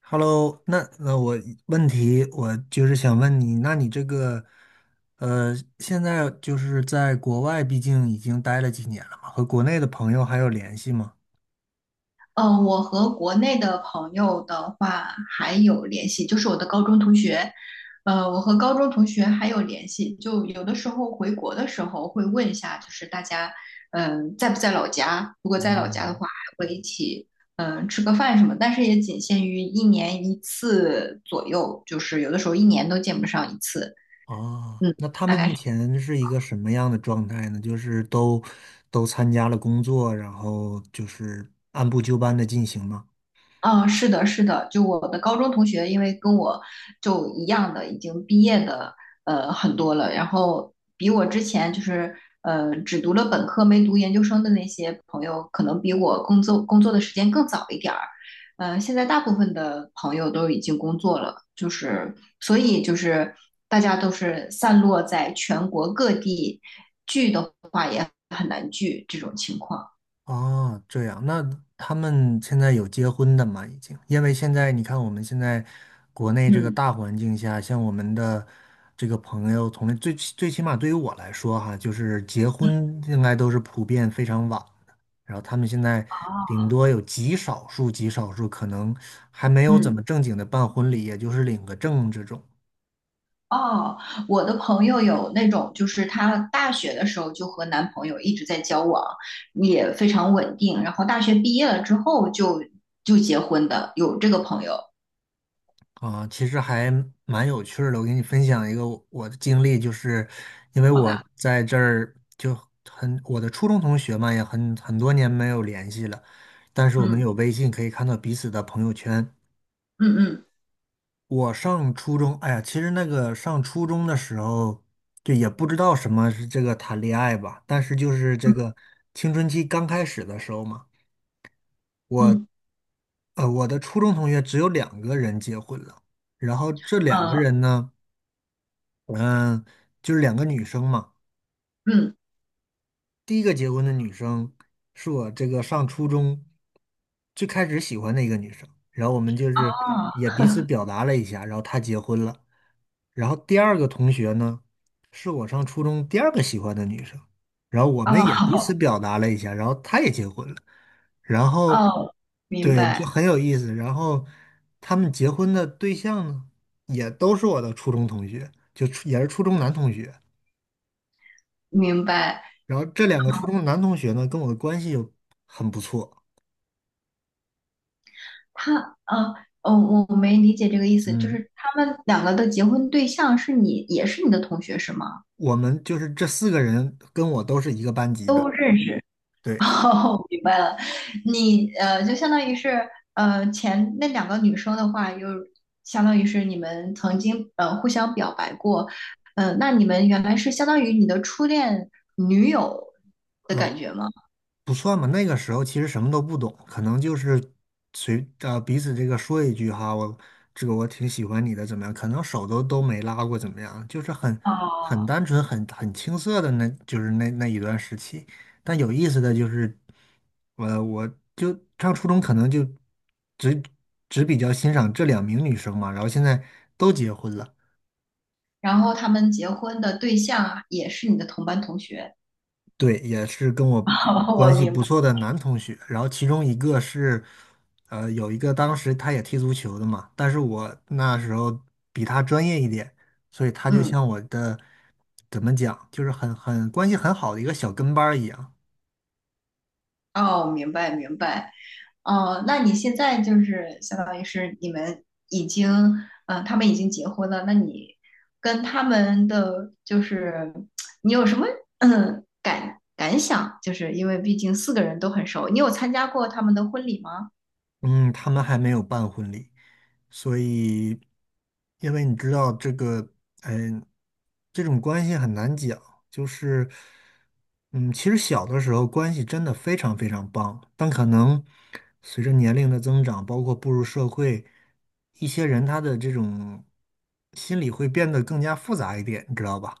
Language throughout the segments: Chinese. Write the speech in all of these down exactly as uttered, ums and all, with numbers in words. Hello，那呃，我问题我就是想问你，那你这个呃，现在就是在国外，毕竟已经待了几年了嘛，和国内的朋友还有联系吗？嗯，呃我和国内的朋友的话还有联系，就是我的高中同学，呃，我和高中同学还有联系，就有的时候回国的时候会问一下，就是大家，嗯、在不在老家？如果在老家的哦话，还会一起，嗯、吃个饭什么，但是也仅限于一年一次左右，就是有的时候一年都见不上一次，哦，嗯，那他大们概目是。前是一个什么样的状态呢？就是都都参加了工作，然后就是按部就班的进行吗？啊，是的，是的，就我的高中同学，因为跟我就一样的，已经毕业的，呃，很多了。然后比我之前就是呃，只读了本科没读研究生的那些朋友，可能比我工作工作的时间更早一点儿。呃，现在大部分的朋友都已经工作了，就是所以就是大家都是散落在全国各地，聚的话也很难聚这种情况。哦，这样，那他们现在有结婚的吗？已经，因为现在你看，我们现在国内这个嗯大环境下，像我们的这个朋友从最最起码对于我来说哈，就是结婚应该都是普遍非常晚的，然后他们现在顶多有极少数极少数可能还没有怎嗯。么正经的办婚礼，也就是领个证这种。哦，我的朋友有那种，就是她大学的时候就和男朋友一直在交往，也非常稳定，然后大学毕业了之后就就结婚的，有这个朋友，啊，其实还蛮有趣儿的。我给你分享一个我我的经历，就是因为好我吧？在这儿就很，我的初中同学嘛，也很很多年没有联系了，但是我们嗯有微信可以看到彼此的朋友圈。嗯嗯我上初中，哎呀，其实那个上初中的时候，就也不知道什么是这个谈恋爱吧，但是就是这个青春期刚开始的时候嘛，我嗯呃我的初中同学只有两个人结婚了，然后这两个嗯人呢。嗯，就是两个女生嘛。嗯，第一个结婚的女生是我这个上初中最开始喜欢的一个女生，然后我们就是也哦彼此表达了一下，然后她结婚了。然后第二个同学呢，是我上初中第二个喜欢的女生，然后我们也彼哦此表达了一下，然后她也结婚了。然后，哦，明对，就白很有意思。然后他们结婚的对象呢，也都是我的初中同学，就初也是初中男同学。明白，然后这两个初中男同学呢，跟我的关系又很不错，他啊哦，我我没理解这个意思，就嗯，是他们两个的结婚对象是你，也是你的同学是吗？我们就是这四个人跟我都是一个班级的，对。哦，明白了，你呃，就相当于是呃，前那两个女生的话，又相当于是你们曾经呃互相表白过，呃，那你们原来是相当于你的初恋女友的感觉吗？不算吧，那个时候其实什么都不懂，可能就是随呃彼此这个说一句哈，我这个我挺喜欢你的，怎么样？可能手都都没拉过，怎么样？就是很很哦，单纯、很很青涩的那，就是那那一段时期。但有意思的就是，我我就上初中可能就只只比较欣赏这两名女生嘛，然后现在都结婚了。然后他们结婚的对象啊也是你的同班同学。对，也是跟 我哦，我关系明不白，错的男同学。然后其中一个是，呃，有一个当时他也踢足球的嘛，但是我那时候比他专业一点，所以他就嗯，像我的，怎么讲，就是很很关系很好的一个小跟班儿一样。哦，明白明白。哦，那你现在就是相当于是你们已经，嗯，他们已经结婚了，那你跟他们的就是你有什么嗯感感想？就是因为毕竟四个人都很熟，你有参加过他们的婚礼吗？嗯，他们还没有办婚礼，所以，因为你知道这个，嗯，这种关系很难讲，就是，嗯，其实小的时候关系真的非常非常棒，但可能随着年龄的增长，包括步入社会，一些人他的这种心理会变得更加复杂一点，你知道吧？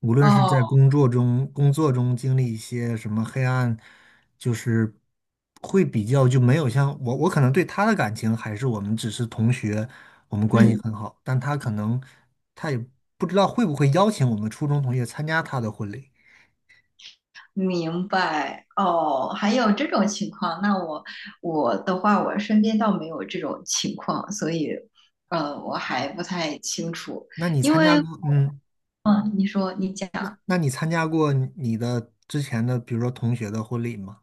无论是哦，在工作中工作中经历一些什么黑暗，就是会比较就没有像我，我可能对他的感情还是我们只是同学，我们关系嗯，很好，但他可能他也不知道会不会邀请我们初中同学参加他的婚礼。明白。哦，还有这种情况，那我我的话，我身边倒没有这种情况，所以呃，我还不太清楚，那你因参加为过，嗯，嗯，你说你讲。那那你参加过你的之前的，比如说同学的婚礼吗？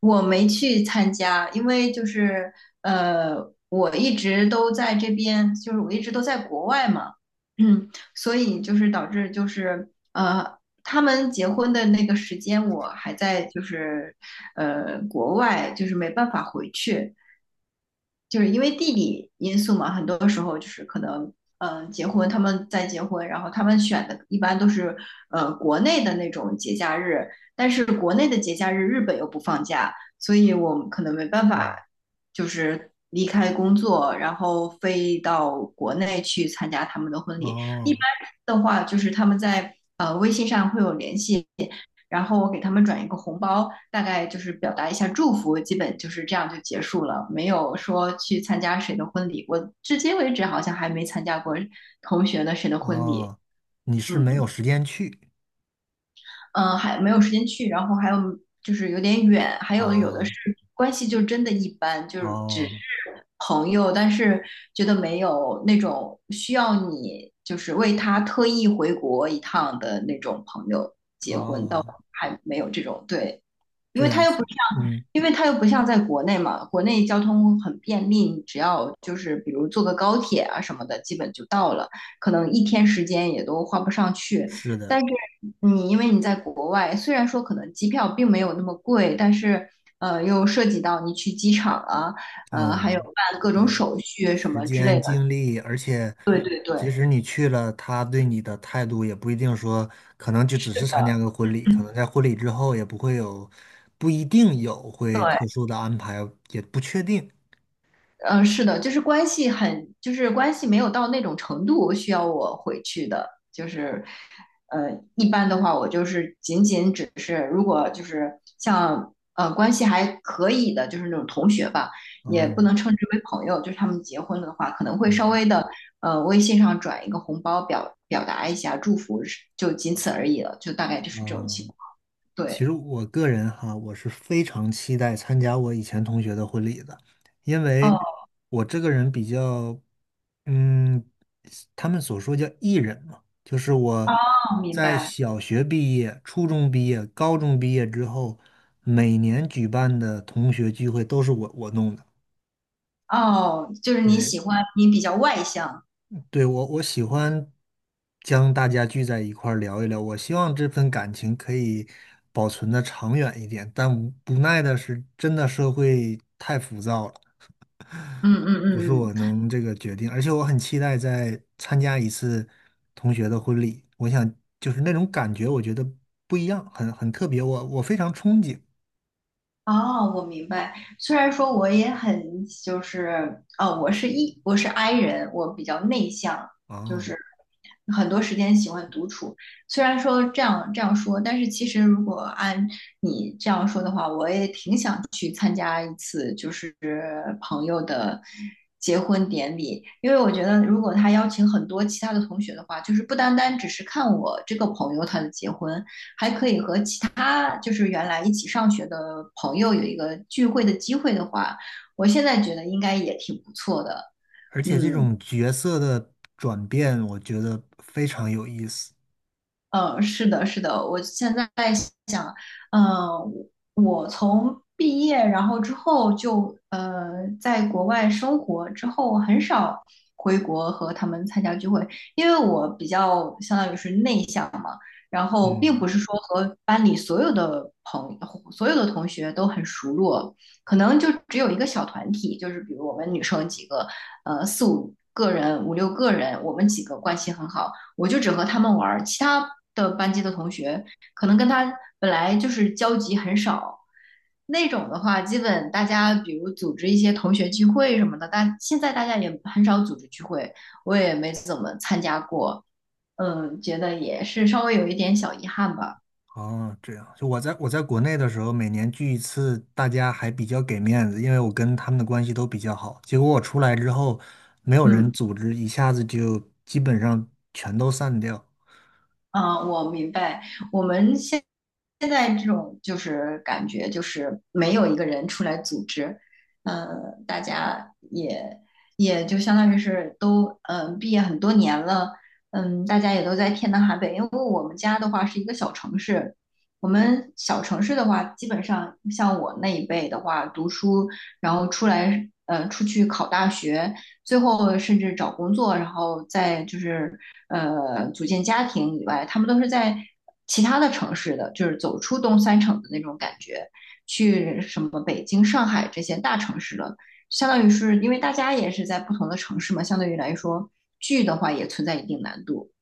我没去参加，因为就是呃，我一直都在这边，就是我一直都在国外嘛，嗯，所以就是导致就是呃，他们结婚的那个时间我还在就是呃国外，就是没办法回去。就是因为地理因素嘛，很多时候就是可能，呃，结婚他们在结婚，然后他们选的一般都是呃国内的那种节假日，但是国内的节假日日本又不放假，所以我们可能没办嗯，法就是离开工作，然后飞到国内去参加他们的婚礼。一哦般的话，就是他们在呃微信上会有联系，然后我给他们转一个红包，大概就是表达一下祝福，基本就是这样就结束了，没有说去参加谁的婚礼。我至今为止好像还没参加过同学的谁的婚礼，哦，你是没嗯有时间去，嗯、呃还没有时间去，然后还有就是有点远，还有有的是哦关系就真的一般，就是只是哦朋友，但是觉得没有那种需要你就是为他特意回国一趟的那种朋友，哦，还没有这种对。因这为样他又不子。嗯。因为它又不像在国内嘛，国内交通很便利，你只要就是比如坐个高铁啊什么的，基本就到了，可能一天时间也都花不上去。是但的，是你因为你在国外，虽然说可能机票并没有那么贵，但是呃又涉及到你去机场啊，呃还有嗯，办各种对，手续什时么之类间、的。精力，而且对对即对，使你去了，他对你的态度也不一定说，可能就是只是参加的，个婚礼，可能在婚礼之后也不会有，不一定有会对。特殊的安排，也不确定。嗯，是的，就是关系很，就是关系没有到那种程度需要我回去的，就是，呃，一般的话，我就是仅仅只是，如果就是像呃关系还可以的，就是那种同学吧，也不嗯能称之为朋友，就是他们结婚了的话，可能会稍嗯微的呃微信上转一个红包表表达一下祝福，是就仅此而已了，就大概就是这种情嗯。况。其对，实我个人哈，我是非常期待参加我以前同学的婚礼的，因为哦我这个人比较，嗯，他们所说叫艺人嘛，就是我哦，明在白，小学毕业、初中毕业、高中毕业之后，每年举办的同学聚会都是我我弄的，哦，就是你对，喜欢你比较外向，对，我我喜欢将大家聚在一块儿聊一聊。我希望这份感情可以保存的长远一点，但无无奈的是，真的社会太浮躁了，嗯嗯不是嗯我嗯。能这个决定。而且我很期待再参加一次同学的婚礼，我想就是那种感觉，我觉得不一样，很很特别，我我非常憧憬哦，我明白。虽然说我也很就是，哦，我是一我是 I 人，我比较内向，就啊。是很多时间喜欢独处。虽然说这样这样说，但是其实如果按你这样说的话，我也挺想去参加一次就是朋友的结婚典礼，因为我觉得如果他邀请很多其他的同学的话，就是不单单只是看我这个朋友他的结婚，还可以和其。他就是原来一起上学的朋友有一个聚会的机会的话，我现在觉得应该也挺不错的。而且这嗯，种角色的转变，我觉得非常有意思。呃，是的，是的，我现在想，嗯呃，我从毕业然后之后就呃在国外生活之后，很少回国和他们参加聚会，因为我比较相当于是内向嘛，然后并嗯。不是说和班里所有的朋所有的同学都很熟络，可能就只有一个小团体，就是比如我们女生几个，呃，四五个人、五六个人，我们几个关系很好。我就只和他们玩其他的班级的同学可能跟他本来就是交集很少。那种的话，基本大家比如组织一些同学聚会什么的，但现在大家也很少组织聚会，我也没怎么参加过，嗯，觉得也是稍微有一点小遗憾吧，哦，这样，就我在我在国内的时候，每年聚一次，大家还比较给面子，因为我跟他们的关系都比较好。结果我出来之后，没有人嗯。组织，一下子就基本上全都散掉，啊，我明白。我们现现在这种就是感觉，就是没有一个人出来组织，嗯，大家也也就相当于是都嗯、呃毕业很多年了，嗯，大家也都在天南海北。因为我们家的话是一个小城市，我们小城市的话，基本上像我那一辈的话，读书然后出来呃出去考大学，最后甚至找工作，然后再就是。呃组建家庭以外，他们都是在其他的城市的，就是走出东三省的那种感觉，去什么北京、上海这些大城市了。相当于是因为大家也是在不同的城市嘛，相对于来说聚的话也存在一定难度。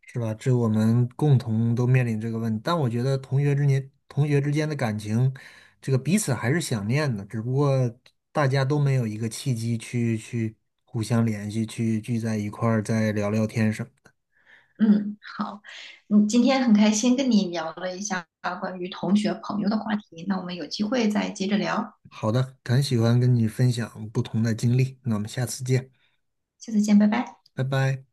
是吧？这我们共同都面临这个问题。但我觉得同学之间同学之间的感情，这个彼此还是想念的，只不过大家都没有一个契机去去互相联系，去聚在一块儿再聊聊天什么。嗯，好，嗯，今天很开心跟你聊了一下关于同学朋友的话题，那我们有机会再接着聊，好的，很喜欢跟你分享不同的经历，那我们下次见，下次见，拜拜。拜拜。